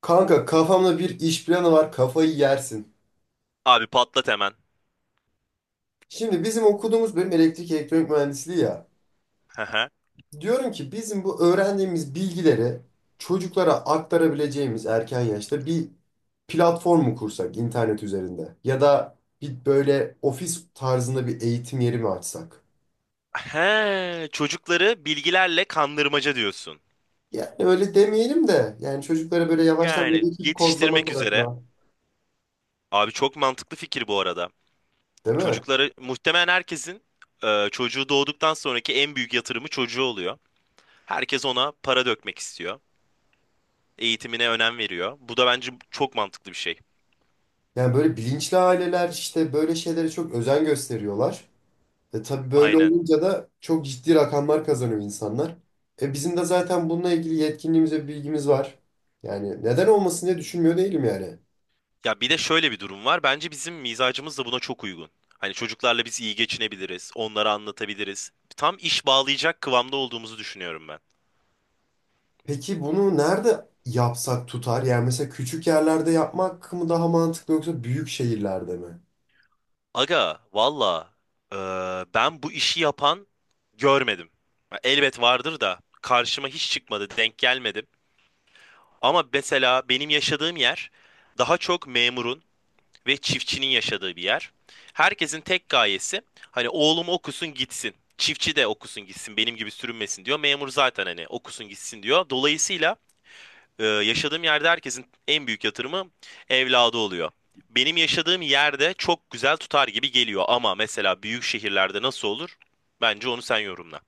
Kanka kafamda bir iş planı var, kafayı yersin. Abi patlat hemen. Şimdi bizim okuduğumuz bölüm elektrik elektronik mühendisliği ya. Hı hı. Diyorum ki bizim bu öğrendiğimiz bilgileri çocuklara aktarabileceğimiz erken yaşta bir platform mu kursak internet üzerinde? Ya da bir böyle ofis tarzında bir eğitim yeri mi açsak? He, çocukları bilgilerle kandırmaca diyorsun. Yani öyle demeyelim de yani çocuklara böyle yavaştan Yani böyle bir kodlama yetiştirmek üzere. tarafına, Abi çok mantıklı fikir bu arada. değil mi? Çocukları muhtemelen herkesin çocuğu doğduktan sonraki en büyük yatırımı çocuğu oluyor. Herkes ona para dökmek istiyor. Eğitimine önem veriyor. Bu da bence çok mantıklı bir şey. Yani böyle bilinçli aileler işte böyle şeylere çok özen gösteriyorlar. E tabii böyle Aynen. olunca da çok ciddi rakamlar kazanıyor insanlar. E bizim de zaten bununla ilgili yetkinliğimiz ve bilgimiz var. Yani neden olmasın diye düşünmüyor değilim yani. Ya bir de şöyle bir durum var. Bence bizim mizacımız da buna çok uygun. Hani çocuklarla biz iyi geçinebiliriz, onlara anlatabiliriz. Tam iş bağlayacak kıvamda olduğumuzu düşünüyorum ben. Peki bunu nerede yapsak tutar? Yani mesela küçük yerlerde yapmak mı daha mantıklı yoksa büyük şehirlerde mi? Aga valla ben bu işi yapan görmedim. Ya elbet vardır da karşıma hiç çıkmadı, denk gelmedim. Ama mesela benim yaşadığım yer daha çok memurun ve çiftçinin yaşadığı bir yer. Herkesin tek gayesi hani oğlum okusun gitsin. Çiftçi de okusun gitsin benim gibi sürünmesin diyor. Memur zaten hani okusun gitsin diyor. Dolayısıyla yaşadığım yerde herkesin en büyük yatırımı evladı oluyor. Benim yaşadığım yerde çok güzel tutar gibi geliyor ama mesela büyük şehirlerde nasıl olur? Bence onu sen yorumla.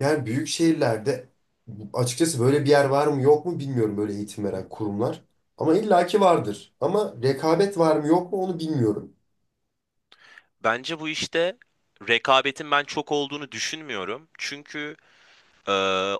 Yani büyük şehirlerde açıkçası böyle bir yer var mı yok mu bilmiyorum, böyle eğitim veren kurumlar. Ama illaki vardır. Ama rekabet var mı yok mu onu bilmiyorum. Bence bu işte rekabetin ben çok olduğunu düşünmüyorum. Çünkü e,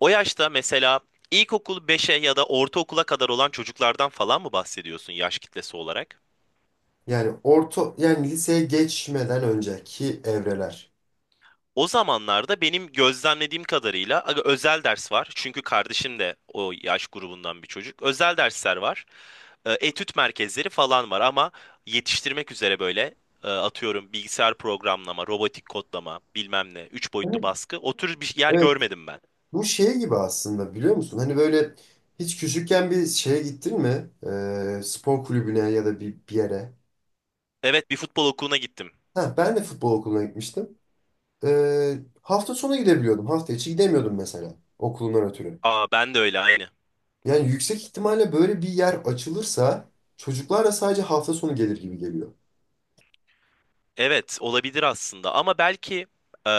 o yaşta mesela ilkokul beşe ya da ortaokula kadar olan çocuklardan falan mı bahsediyorsun yaş kitlesi olarak? Yani orta, yani liseye geçmeden önceki evreler. O zamanlarda benim gözlemlediğim kadarıyla aga, özel ders var. Çünkü kardeşim de o yaş grubundan bir çocuk. Özel dersler var. Etüt merkezleri falan var ama yetiştirmek üzere böyle atıyorum bilgisayar programlama, robotik kodlama, bilmem ne, üç boyutlu Evet, baskı o tür bir yer evet. görmedim ben. Bu şey gibi aslında, biliyor musun? Hani böyle hiç küçükken bir şeye gittin mi? Spor kulübüne ya da bir yere. Evet, bir futbol okuluna gittim. Ha, ben de futbol okuluna gitmiştim. Hafta sonu gidebiliyordum. Hafta içi gidemiyordum mesela, okulundan ötürü. Aa, ben de öyle aynı. Yani yüksek ihtimalle böyle bir yer açılırsa çocuklar da sadece hafta sonu gelir gibi geliyor. Evet, olabilir aslında ama belki e,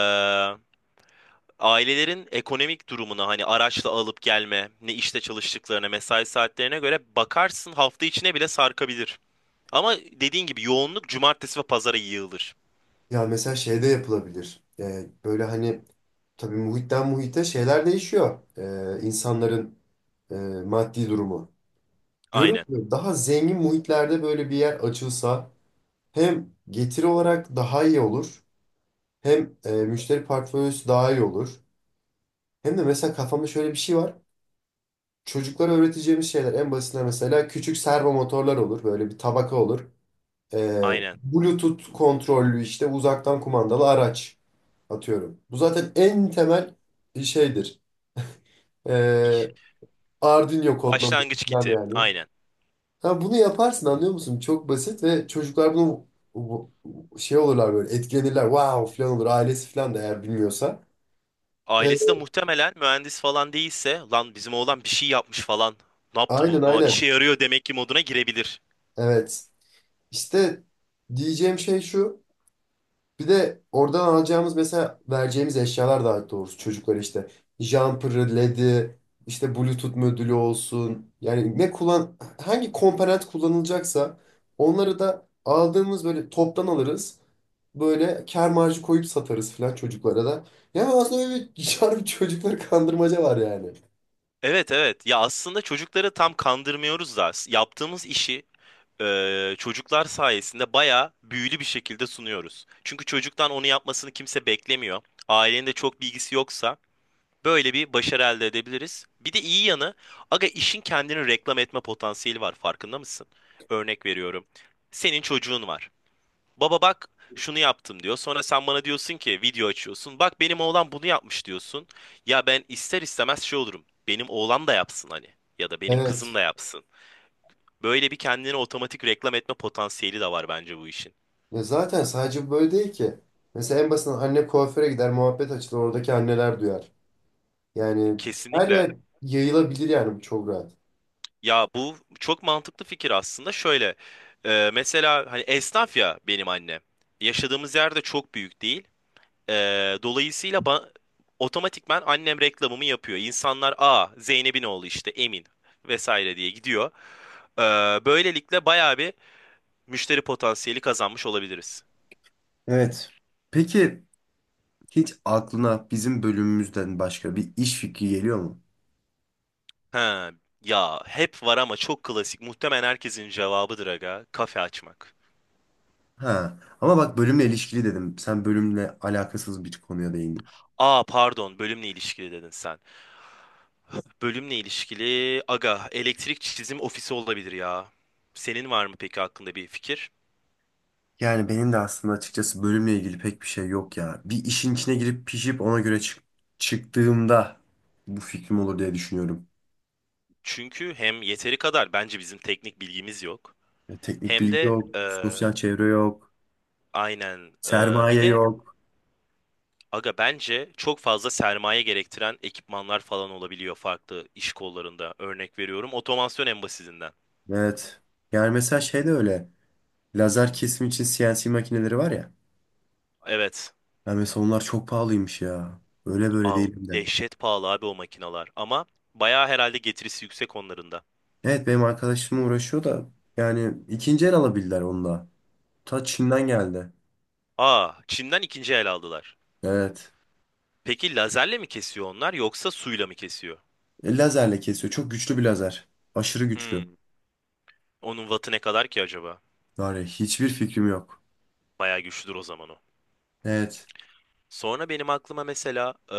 ailelerin ekonomik durumuna hani araçla alıp gelme, ne işte çalıştıklarına, mesai saatlerine göre bakarsın hafta içine bile sarkabilir. Ama dediğin gibi yoğunluk cumartesi ve pazara yığılır. Ya mesela şeyde yapılabilir. Böyle hani tabii muhitten muhite şeyler değişiyor. İnsanların e, maddi durumu. Diyorum Aynen, ki daha zengin muhitlerde böyle bir yer açılsa hem getiri olarak daha iyi olur hem müşteri portföyüsü daha iyi olur. Hem de mesela kafamda şöyle bir şey var. Çocuklara öğreteceğimiz şeyler en basitinden mesela küçük servo motorlar olur. Böyle bir tabaka olur. Aynen. Bluetooth kontrollü işte uzaktan kumandalı araç atıyorum. Bu zaten en temel şeydir. İh. E, Arduino kodlaması Başlangıç falan kiti. yani. Aynen. Ha, bunu yaparsın, anlıyor musun? Çok basit ve çocuklar bunu şey olurlar, böyle etkilenirler. Wow falan olur, ailesi falan da eğer bilmiyorsa. E, Ailesi de muhtemelen mühendis falan değilse lan bizim oğlan bir şey yapmış falan. Ne yaptı aynen bu? O işe aynen. yarıyor demek ki moduna girebilir. Evet. İşte diyeceğim şey şu. Bir de oradan alacağımız, mesela vereceğimiz eşyalar daha doğrusu çocuklara, işte jumper'ı, LED'i, işte Bluetooth modülü olsun. Yani ne kullan Hangi komponent kullanılacaksa onları da aldığımız böyle toptan alırız. Böyle kâr marjı koyup satarız falan çocuklara da. Yani aslında öyle bir harbi çocukları kandırmaca var yani. Evet, evet. Ya aslında çocukları tam kandırmıyoruz da yaptığımız işi çocuklar sayesinde bayağı büyülü bir şekilde sunuyoruz. Çünkü çocuktan onu yapmasını kimse beklemiyor. Ailenin de çok bilgisi yoksa böyle bir başarı elde edebiliriz. Bir de iyi yanı aga, işin kendini reklam etme potansiyeli var, farkında mısın? Örnek veriyorum. Senin çocuğun var. Baba bak, şunu yaptım diyor. Sonra sen bana diyorsun ki video açıyorsun. Bak, benim oğlan bunu yapmış diyorsun. Ya ben ister istemez şey olurum. Benim oğlan da yapsın hani. Ya da benim kızım Evet. da yapsın. Böyle bir kendine otomatik reklam etme potansiyeli de var bence bu işin. Ya zaten sadece böyle değil ki. Mesela en basitinden anne kuaföre gider, muhabbet açılır, oradaki anneler duyar. Yani her Kesinlikle. yer yayılabilir yani, bu çok rahat. Ya bu çok mantıklı fikir aslında. Şöyle mesela hani esnaf ya benim annem. Yaşadığımız yerde çok büyük değil. Dolayısıyla otomatikman annem reklamımı yapıyor. İnsanlar, aa, Zeynep'in oğlu işte Emin vesaire diye gidiyor. Ee, Böylelikle bayağı bir müşteri potansiyeli kazanmış olabiliriz. Evet. Peki hiç aklına bizim bölümümüzden başka bir iş fikri geliyor mu? Ha, ya hep var ama çok klasik. Muhtemelen herkesin cevabıdır aga. Kafe açmak. Ha. Ama bak, bölümle ilişkili dedim. Sen bölümle alakasız bir konuya değindin. Aa, pardon, bölümle ilişkili dedin sen. Bölümle ilişkili aga, elektrik çizim ofisi olabilir ya. Senin var mı peki hakkında bir fikir? Yani benim de aslında açıkçası bölümle ilgili pek bir şey yok ya. Bir işin içine girip pişip ona göre çıktığımda bu fikrim olur diye düşünüyorum. Çünkü hem yeteri kadar bence bizim teknik bilgimiz yok. Ya teknik Hem bilgi de yok, sosyal çevre yok, aynen, bir sermaye de yok. aga bence çok fazla sermaye gerektiren ekipmanlar falan olabiliyor farklı iş kollarında. Örnek veriyorum, otomasyon en basitinden. Evet. Yani mesela şey de öyle. Lazer kesim için CNC makineleri var ya. Evet. Ya mesela onlar çok pahalıymış ya. Öyle böyle Aa, değil hem de. dehşet pahalı abi o makinalar ama bayağı herhalde getirisi yüksek onların da. Evet, benim arkadaşım uğraşıyor da yani ikinci el alabildiler onu da. Ta Çin'den geldi. Aa, Çin'den ikinci el aldılar. Evet. Peki lazerle mi kesiyor onlar yoksa suyla mı kesiyor? Lazerle kesiyor. Çok güçlü bir lazer. Aşırı güçlü. Hmm. Onun wattı ne kadar ki acaba? Var ya, hiçbir fikrim yok. Bayağı güçlüdür o zaman o. Evet. Sonra benim aklıma mesela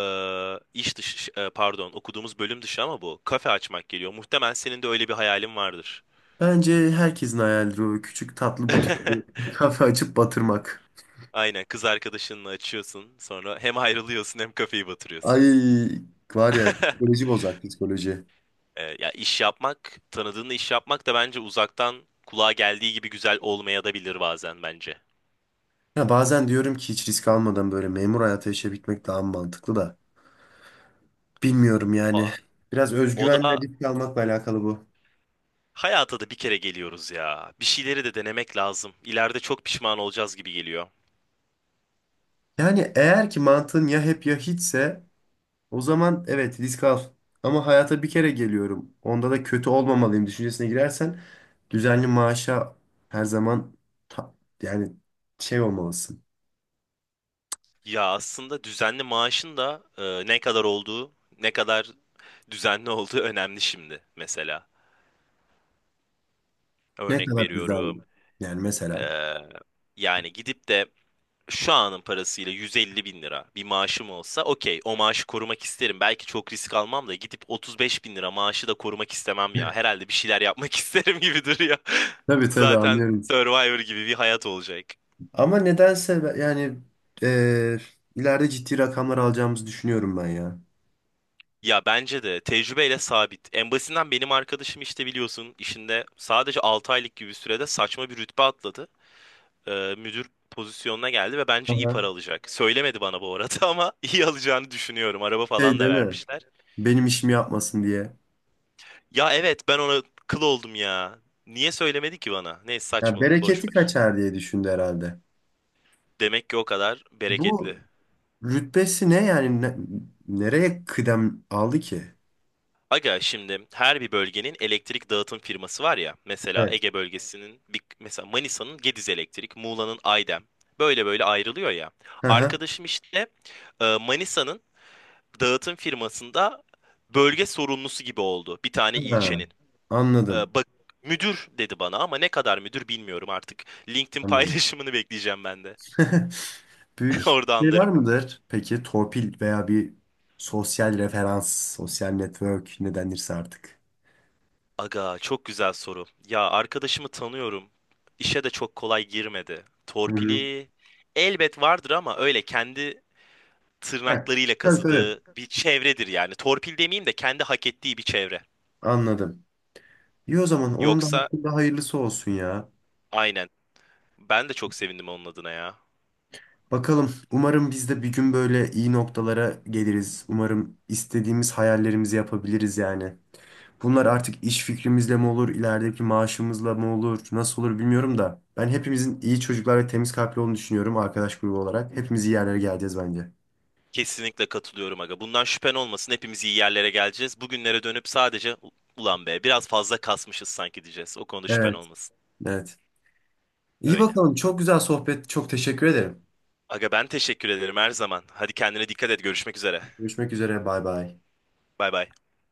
iş dışı, pardon, okuduğumuz bölüm dışı ama bu kafe açmak geliyor. Muhtemelen senin de öyle bir hayalin vardır. Bence herkesin hayalidir o küçük tatlı butik bir kafe açıp batırmak. Aynen, kız arkadaşınla açıyorsun sonra hem ayrılıyorsun hem kafeyi Ay, batırıyorsun. var ya, psikoloji bozar psikoloji. Ya iş yapmak, tanıdığınla iş yapmak da bence uzaktan kulağa geldiği gibi güzel olmayabilir bazen bence. Ya bazen diyorum ki hiç risk almadan böyle memur hayatı yaşayabilmek daha mantıklı da. Bilmiyorum yani. Aa, Biraz o özgüven ve da, risk almakla alakalı bu. hayata da bir kere geliyoruz ya. Bir şeyleri de denemek lazım. İleride çok pişman olacağız gibi geliyor. Yani eğer ki mantığın ya hep ya hiçse o zaman evet, risk al. Ama hayata bir kere geliyorum, onda da kötü olmamalıyım düşüncesine girersen düzenli maaşa her zaman ta- yani şey olmalısın. Ya aslında düzenli maaşın da ne kadar olduğu, ne kadar düzenli olduğu önemli şimdi mesela. Ne Örnek kadar düzenli. veriyorum. Yani mesela. e, Yani gidip de şu anın parasıyla 150 bin lira bir maaşım olsa okey, o maaşı korumak isterim. Belki çok risk almam da gidip 35 bin lira maaşı da korumak istemem ya. Herhalde bir şeyler yapmak isterim gibi duruyor. Tabii tabii, Zaten anlıyorum. Survivor gibi bir hayat olacak. Ama nedense yani eee, ileride ciddi rakamlar alacağımızı düşünüyorum ben ya. Ya bence de tecrübeyle sabit. En basitinden benim arkadaşım işte biliyorsun, işinde sadece 6 aylık gibi bir sürede saçma bir rütbe atladı. Müdür pozisyonuna geldi ve bence iyi Aha. para alacak. Söylemedi bana bu arada ama iyi alacağını düşünüyorum. Araba falan Şey da değil mi? vermişler. Benim işimi yapmasın diye. Ya evet, ben ona kıl oldum ya. Niye söylemedi ki bana? Neyse, Ya saçmalık, boş bereketi ver. kaçar diye düşündü herhalde. Demek ki o kadar Bu bereketli. rütbesi ne yani? Nereye kıdem aldı ki? Aga, şimdi her bir bölgenin elektrik dağıtım firması var ya. Mesela Evet. Ege bölgesinin mesela Manisa'nın Gediz Elektrik, Muğla'nın Aydem. Böyle böyle ayrılıyor ya. Hı hı. Arkadaşım işte Manisa'nın dağıtım firmasında bölge sorumlusu gibi oldu bir tane Ha, ilçenin. Anladım. Bak, müdür dedi bana ama ne kadar müdür bilmiyorum artık. LinkedIn Anladım. paylaşımını bekleyeceğim ben de. Büyük Orada şeyler anlarım. midir? Peki torpil veya bir sosyal referans, sosyal network ne denirse artık. Aga, çok güzel soru. Ya arkadaşımı tanıyorum. İşe de çok kolay girmedi. Hı hı. Torpili elbet vardır ama öyle kendi Evet, tırnaklarıyla tabii tabii. kazıdığı bir çevredir yani. Torpil demeyeyim de kendi hak ettiği bir çevre. Anladım. İyi, o zaman onun da Yoksa, hakkında hayırlısı olsun ya. aynen. Ben de çok sevindim onun adına ya. Bakalım. Umarım biz de bir gün böyle iyi noktalara geliriz. Umarım istediğimiz hayallerimizi yapabiliriz yani. Bunlar artık iş fikrimizle mi olur, ilerideki maaşımızla mı olur, nasıl olur bilmiyorum da. Ben hepimizin iyi çocuklar ve temiz kalpli olduğunu düşünüyorum arkadaş grubu olarak. Hepimiz iyi yerlere geleceğiz bence. Kesinlikle katılıyorum aga. Bundan şüphen olmasın. Hepimiz iyi yerlere geleceğiz. Bugünlere dönüp sadece ulan be biraz fazla kasmışız sanki diyeceğiz. O konuda şüphen Evet, olmasın. evet. İyi Öyle. bakalım. Çok güzel sohbet. Çok teşekkür ederim. Aga, ben teşekkür ederim her zaman. Hadi kendine dikkat et. Görüşmek üzere. Görüşmek üzere. Bay bay. Bay bay.